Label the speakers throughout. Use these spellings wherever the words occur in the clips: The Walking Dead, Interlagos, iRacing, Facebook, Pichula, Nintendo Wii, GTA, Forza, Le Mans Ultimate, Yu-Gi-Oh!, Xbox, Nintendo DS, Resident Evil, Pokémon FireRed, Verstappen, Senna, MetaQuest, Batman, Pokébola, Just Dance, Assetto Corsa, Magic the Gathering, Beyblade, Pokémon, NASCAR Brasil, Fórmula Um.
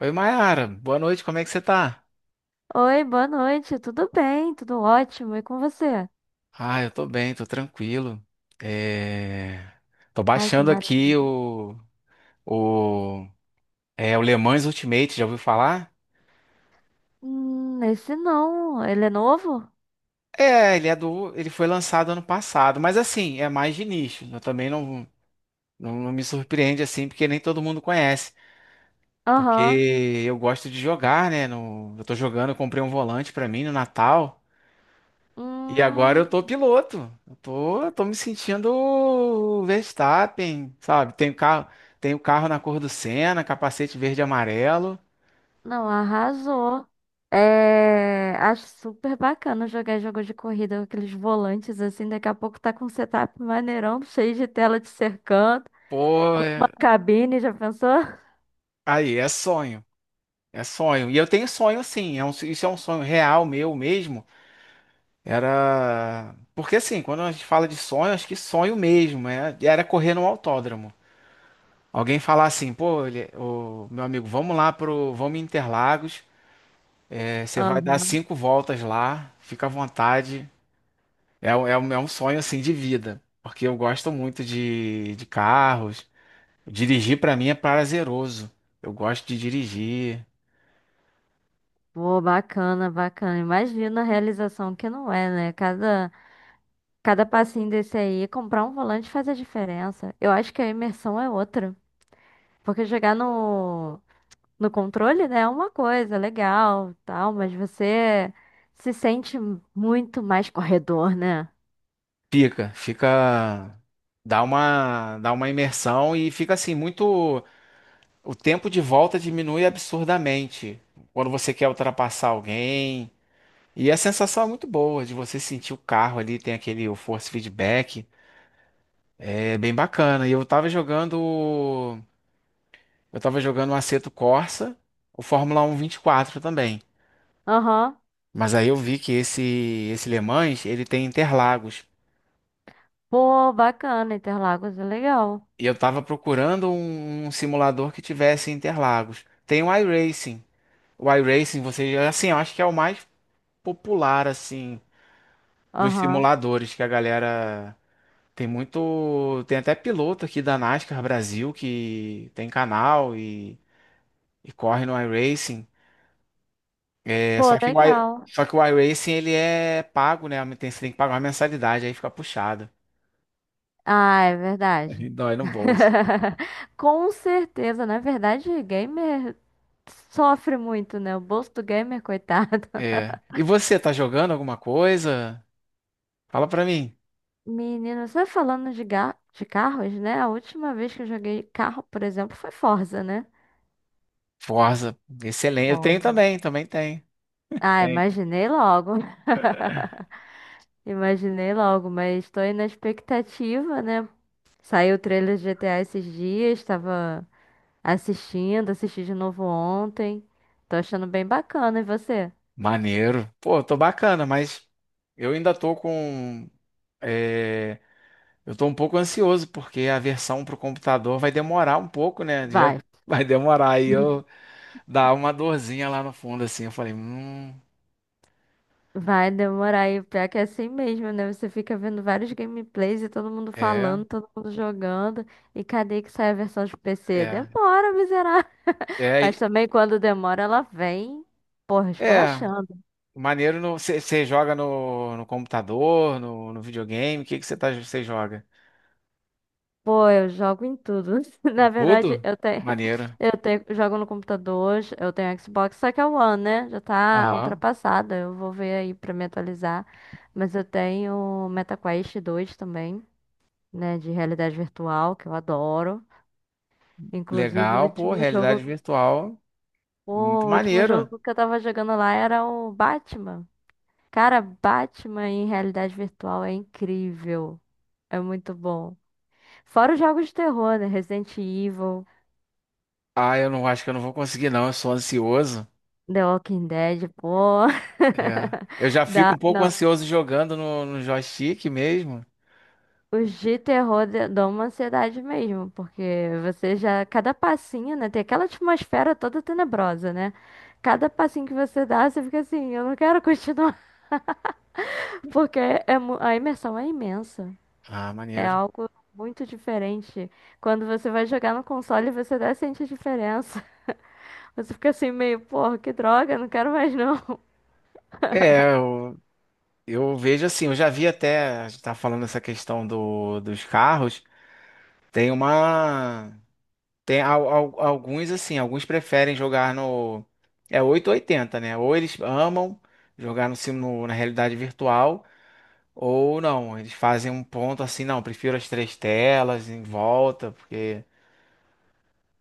Speaker 1: Oi, Mayara. Boa noite, como é que você tá?
Speaker 2: Oi, boa noite. Tudo bem? Tudo ótimo. E com você?
Speaker 1: Ah, eu tô bem, tô tranquilo. É... Tô
Speaker 2: Ai, que
Speaker 1: baixando aqui
Speaker 2: maravilha.
Speaker 1: o... O... o Le Mans Ultimate, já ouviu falar?
Speaker 2: Esse não. Ele é novo?
Speaker 1: Ele é do... ele foi lançado ano passado, mas assim, é mais de nicho. Eu também não, não me surpreende assim, porque nem todo mundo conhece.
Speaker 2: Aham.
Speaker 1: Porque eu gosto de jogar, né? No... Eu tô jogando, eu comprei um volante pra mim no Natal. E agora eu tô
Speaker 2: Hum,
Speaker 1: piloto. Eu tô me sentindo o Verstappen, sabe? Tenho carro na cor do Senna, capacete verde e amarelo.
Speaker 2: não, arrasou. É, acho super bacana jogar jogo de corrida com aqueles volantes assim. Daqui a pouco tá com um setup maneirão, cheio de tela te cercando.
Speaker 1: Pô,
Speaker 2: Uma
Speaker 1: é-
Speaker 2: cabine, já pensou?
Speaker 1: aí é sonho. É sonho. E eu tenho sonho sim. Isso é um sonho real meu mesmo. Era. Porque assim, quando a gente fala de sonho, acho que sonho mesmo. Era correr no autódromo. Alguém falar assim, pô, meu amigo, vamos lá pro. Vamos em Interlagos. Você vai dar
Speaker 2: Aham.
Speaker 1: cinco voltas lá. Fica à vontade. É um sonho assim de vida, porque eu gosto muito de carros. Dirigir pra mim é prazeroso. Eu gosto de dirigir.
Speaker 2: Pô, bacana, bacana. Imagina a realização que não é, né? Cada passinho desse aí, comprar um volante faz a diferença. Eu acho que a imersão é outra. Porque jogar no controle, né, é uma coisa legal, tal, mas você se sente muito mais corredor, né?
Speaker 1: Fica, dá uma imersão e fica assim muito. O tempo de volta diminui absurdamente quando você quer ultrapassar alguém. E a sensação é muito boa de você sentir o carro ali, tem aquele o force feedback. É bem bacana. E eu tava jogando. Eu tava jogando o Assetto Corsa, o Fórmula 1 24 também.
Speaker 2: Aham.
Speaker 1: Mas aí eu vi que esse Le Mans, ele tem Interlagos.
Speaker 2: Pô, bacana, Interlagos é legal.
Speaker 1: E eu tava procurando um simulador que tivesse Interlagos. Tem o iRacing. O iRacing, você, assim, eu acho que é o mais popular assim dos
Speaker 2: Aham.
Speaker 1: simuladores que a galera tem muito, tem até piloto aqui da NASCAR Brasil que tem canal e corre no iRacing. É,
Speaker 2: Pô,
Speaker 1: só que o, i-
Speaker 2: legal.
Speaker 1: só que o iRacing ele é pago, né? Você tem que pagar uma mensalidade, aí fica puxado.
Speaker 2: Ah, é verdade.
Speaker 1: Dói no bolso.
Speaker 2: Com certeza, na verdade, gamer sofre muito, né? O bolso do gamer, coitado.
Speaker 1: É. E você, tá jogando alguma coisa? Fala pra mim.
Speaker 2: Menino, só falando de, de carros, né? A última vez que eu joguei carro, por exemplo, foi Forza, né?
Speaker 1: Forza, excelente. Eu tenho
Speaker 2: Forza.
Speaker 1: também, também tenho.
Speaker 2: Ah,
Speaker 1: Tem.
Speaker 2: imaginei logo. Imaginei logo, mas estou aí na expectativa, né? Saiu o trailer de GTA esses dias, estava assistindo, assisti de novo ontem. Tô achando bem bacana, e você?
Speaker 1: Maneiro. Pô, tô bacana, mas eu ainda tô com. é, eu tô um pouco ansioso, porque a versão pro computador vai demorar um pouco, né? Já
Speaker 2: Vai.
Speaker 1: Vai demorar. Aí eu dá uma dorzinha lá no fundo, assim. Eu falei,
Speaker 2: Vai demorar e o pior é que é assim mesmo, né? Você fica vendo vários gameplays e todo mundo
Speaker 1: é,
Speaker 2: falando, todo mundo jogando. E cadê que sai a versão de PC?
Speaker 1: é.
Speaker 2: Demora, miserável.
Speaker 1: É, e-
Speaker 2: Mas também quando demora, ela vem, porra,
Speaker 1: é
Speaker 2: esculachando.
Speaker 1: maneiro. Você joga no computador, no videogame? O que que você joga?
Speaker 2: Pô, eu jogo em tudo. Na verdade,
Speaker 1: Tudo? Maneiro.
Speaker 2: eu tenho, jogo no computador, eu tenho Xbox, só que é o One, né? Já tá
Speaker 1: Aham.
Speaker 2: ultrapassada. Eu vou ver aí pra me atualizar. Mas eu tenho MetaQuest dois também, né? De realidade virtual, que eu adoro. Inclusive,
Speaker 1: Legal, pô, realidade virtual. Muito
Speaker 2: o último
Speaker 1: maneiro.
Speaker 2: jogo que eu tava jogando lá era o Batman. Cara, Batman em realidade virtual é incrível. É muito bom. Fora os jogos de terror, né? Resident Evil,
Speaker 1: Ah, eu não acho que eu não vou conseguir, não. Eu sou ansioso.
Speaker 2: The Walking Dead, pô.
Speaker 1: É. Eu já fico
Speaker 2: Dá,
Speaker 1: um pouco
Speaker 2: não.
Speaker 1: ansioso jogando no joystick mesmo.
Speaker 2: Os de terror dão uma ansiedade mesmo, porque você já, cada passinho, né? Tem aquela atmosfera toda tenebrosa, né? Cada passinho que você dá, você fica assim, eu não quero continuar, porque a imersão é imensa.
Speaker 1: Ah,
Speaker 2: É
Speaker 1: maneiro.
Speaker 2: algo muito diferente. Quando você vai jogar no console, você até sente a diferença. Você fica assim meio, porra, que droga, não quero mais não.
Speaker 1: É, eu, eu vejo assim, eu já vi até, a gente tá falando essa questão do, dos carros, tem uma, Tem alguns assim, alguns preferem jogar no. É 8 ou 80 né? Ou eles amam jogar na realidade virtual, ou não. Eles fazem um ponto assim, não, prefiro as três telas em volta, porque.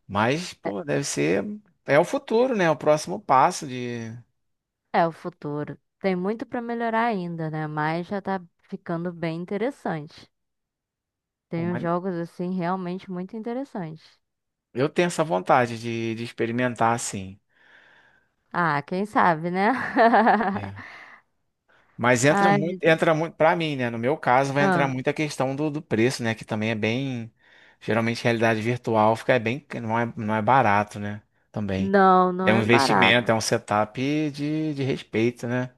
Speaker 1: Mas, pô, deve ser. É o futuro, né? É o próximo passo de.
Speaker 2: É o futuro. Tem muito pra melhorar ainda, né? Mas já tá ficando bem interessante. Tem uns
Speaker 1: humani-
Speaker 2: jogos assim realmente muito interessantes.
Speaker 1: Eu tenho essa vontade de experimentar assim.
Speaker 2: Ah, quem sabe, né?
Speaker 1: Mas entra
Speaker 2: Ai,
Speaker 1: muito,
Speaker 2: meu Deus.
Speaker 1: entra muito, para mim, né? No meu caso, vai entrar
Speaker 2: Ah,
Speaker 1: muito a questão do preço, né? Que também é bem. Geralmente, realidade virtual fica é bem, não é barato, né? Também.
Speaker 2: não, não
Speaker 1: É um
Speaker 2: é
Speaker 1: investimento,
Speaker 2: barato.
Speaker 1: é um setup de respeito, né?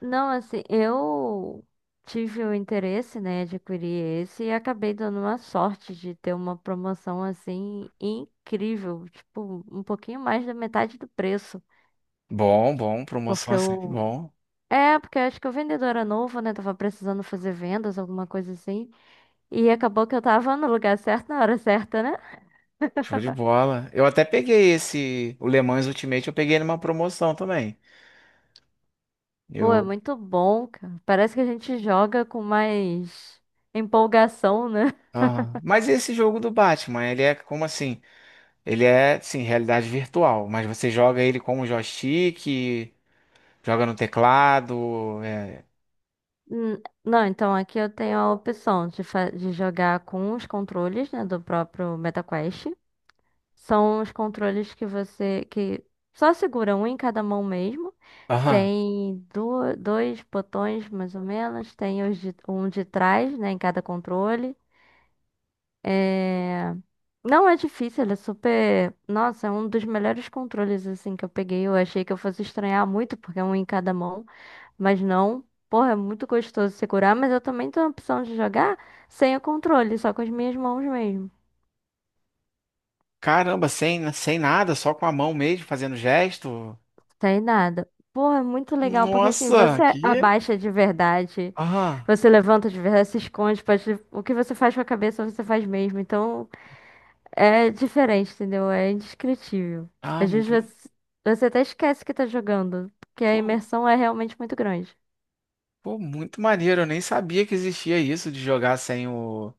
Speaker 2: Não, assim, eu tive o interesse, né, de adquirir esse e acabei dando uma sorte de ter uma promoção assim incrível, tipo, um pouquinho mais da metade do preço,
Speaker 1: Bom, bom, promoção
Speaker 2: porque
Speaker 1: é sempre
Speaker 2: eu
Speaker 1: bom.
Speaker 2: É, porque acho que o vendedor era novo, né? Tava precisando fazer vendas, alguma coisa assim. E acabou que eu tava no lugar certo, na hora certa, né?
Speaker 1: Show de bola. Eu até peguei esse, o Le Mans Ultimate, eu peguei numa promoção também.
Speaker 2: Pô, é
Speaker 1: Eu.
Speaker 2: muito bom, cara. Parece que a gente joga com mais empolgação, né?
Speaker 1: Aham. Mas esse jogo do Batman, ele é como assim? Ele é, sim, realidade virtual, mas você joga ele com o joystick. Joga no teclado.
Speaker 2: Hum, não, então aqui eu tenho a opção de, de jogar com os controles, né, do próprio MetaQuest. São os controles que você que só segura um em cada mão mesmo.
Speaker 1: Aham.
Speaker 2: Tem dois botões mais ou menos, tem os um de trás, né, em cada controle. É, não é difícil, ele é super. Nossa, é um dos melhores controles assim que eu peguei. Eu achei que eu fosse estranhar muito porque é um em cada mão. Mas não, porra, é muito gostoso segurar, mas eu também tenho a opção de jogar sem o controle, só com as minhas mãos mesmo.
Speaker 1: Caramba, sem nada, só com a mão mesmo, fazendo gesto.
Speaker 2: Sem nada. Porra, é muito legal, porque assim,
Speaker 1: Nossa,
Speaker 2: você
Speaker 1: que.
Speaker 2: abaixa de verdade,
Speaker 1: Aham.
Speaker 2: você levanta de verdade, se esconde, pode... o que você faz com a cabeça, você faz mesmo. Então, é diferente, entendeu? É indescritível.
Speaker 1: Ah,
Speaker 2: Às vezes
Speaker 1: muito,
Speaker 2: você, você até esquece que tá jogando, porque a
Speaker 1: pô,
Speaker 2: imersão é realmente muito grande.
Speaker 1: pô, muito maneiro. Eu nem sabia que existia isso de jogar sem o,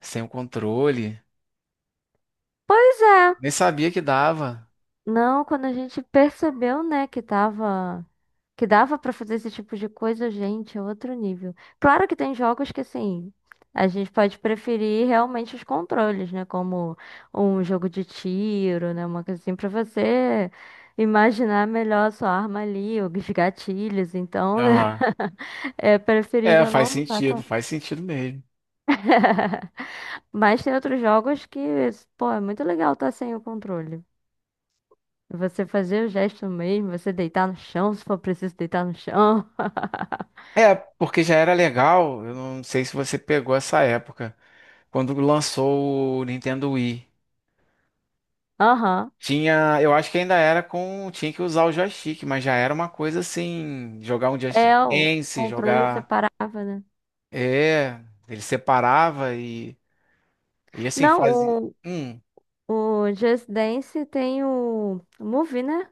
Speaker 1: sem o controle.
Speaker 2: Pois é.
Speaker 1: Nem sabia que dava.
Speaker 2: Não, quando a gente percebeu, né, que tava, que dava pra fazer esse tipo de coisa, gente, é outro nível. Claro que tem jogos que assim, a gente pode preferir realmente os controles, né, como um jogo de tiro, né, uma coisa assim pra você imaginar melhor a sua arma ali, os gatilhos, então, né,
Speaker 1: Aham.
Speaker 2: é
Speaker 1: É,
Speaker 2: preferível não estar com
Speaker 1: faz sentido mesmo.
Speaker 2: Mas tem outros jogos que, pô, é muito legal estar sem o controle. Você fazer o gesto mesmo, você deitar no chão, se for preciso deitar no chão.
Speaker 1: É, porque já era legal. Eu não sei se você pegou essa época, quando lançou o Nintendo Wii.
Speaker 2: Aham.
Speaker 1: Tinha, eu acho que ainda era com, tinha que usar o joystick, mas já era uma coisa assim, jogar um Just
Speaker 2: É, o
Speaker 1: Dance,
Speaker 2: controle
Speaker 1: jogar,
Speaker 2: separava, né?
Speaker 1: é, ele separava e assim, fazia,
Speaker 2: Não,
Speaker 1: hum,
Speaker 2: o, o Just Dance tem o Movie, né?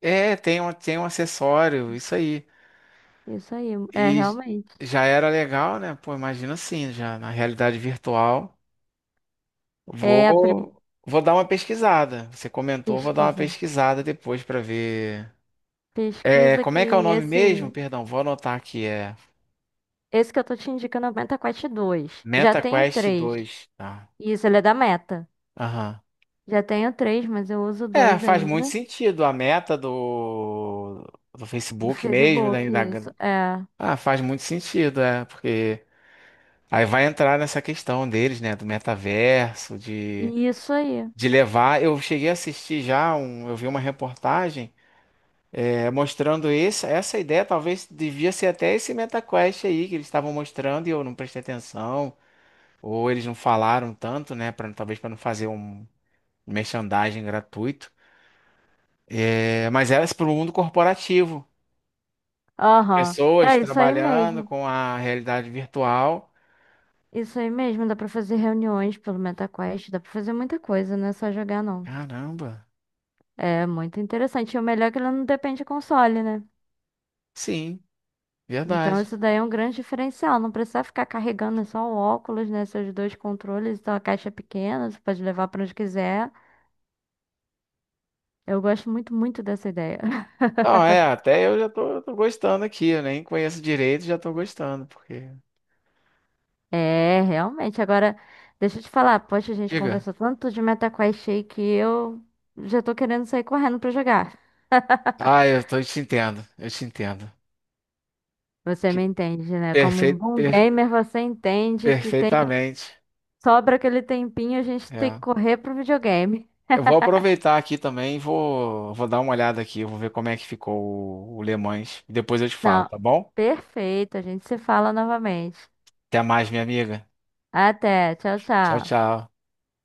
Speaker 1: tem um acessório, isso aí.
Speaker 2: Isso aí, é
Speaker 1: E
Speaker 2: realmente.
Speaker 1: já era legal, né? Pô, imagina assim, já na realidade virtual.
Speaker 2: É a pri-
Speaker 1: Vou, vou dar uma pesquisada. Você comentou, vou dar uma
Speaker 2: pesquisa.
Speaker 1: pesquisada depois pra ver. É,
Speaker 2: Pesquisa
Speaker 1: como é que é o
Speaker 2: que
Speaker 1: nome mesmo? Perdão, vou anotar aqui, é
Speaker 2: esse que eu tô te indicando é o Meta Quest já tenho
Speaker 1: MetaQuest
Speaker 2: três.
Speaker 1: dois tá?
Speaker 2: Isso, ele é da Meta.
Speaker 1: Aham.
Speaker 2: Já tenho três, mas eu uso
Speaker 1: É,
Speaker 2: dois
Speaker 1: faz muito
Speaker 2: ainda.
Speaker 1: sentido. A meta do
Speaker 2: No
Speaker 1: Facebook mesmo,
Speaker 2: Facebook, isso. É.
Speaker 1: Ah, faz muito sentido, porque aí vai entrar nessa questão deles, né, do metaverso, de,
Speaker 2: Isso aí.
Speaker 1: de levar. Eu cheguei a assistir já, eu vi uma reportagem mostrando essa ideia, talvez devia ser até esse MetaQuest aí que eles estavam mostrando e eu não prestei atenção, ou eles não falaram tanto, né, talvez para não fazer um merchandising gratuito. Mas era para o mundo corporativo.
Speaker 2: Aham.
Speaker 1: Pessoas
Speaker 2: É isso aí
Speaker 1: trabalhando
Speaker 2: mesmo.
Speaker 1: com a realidade virtual.
Speaker 2: Isso aí mesmo. Dá pra fazer reuniões pelo MetaQuest. Dá pra fazer muita coisa, não é só jogar, não.
Speaker 1: Caramba,
Speaker 2: É muito interessante. E o melhor é que ele não depende de console, né?
Speaker 1: sim,
Speaker 2: Então
Speaker 1: verdade.
Speaker 2: isso daí é um grande diferencial. Não precisa ficar carregando é só o óculos, né? Seus dois controles. Então a caixa é pequena, você pode levar pra onde quiser. Eu gosto muito, muito dessa ideia.
Speaker 1: Não, até eu já tô, gostando aqui, eu nem conheço direito, já tô gostando, porque.
Speaker 2: É, realmente. Agora, deixa eu te falar. Poxa, a gente
Speaker 1: Diga.
Speaker 2: conversou tanto de MetaQuest aí que eu já tô querendo sair correndo pra jogar.
Speaker 1: Ah, eu tô, eu te entendo, eu te entendo.
Speaker 2: Você me entende, né? Como um
Speaker 1: Perfeito,
Speaker 2: bom gamer, você entende que tem
Speaker 1: perfeitamente.
Speaker 2: sobra aquele tempinho, a gente tem que
Speaker 1: É.
Speaker 2: correr pro videogame.
Speaker 1: Eu vou aproveitar aqui também, e vou dar uma olhada aqui, eu vou ver como é que ficou o Le Mans. Depois eu te falo,
Speaker 2: Não,
Speaker 1: tá bom?
Speaker 2: perfeito, a gente se fala novamente.
Speaker 1: Até mais, minha amiga.
Speaker 2: Até, tchau,
Speaker 1: Tchau,
Speaker 2: tchau.
Speaker 1: tchau.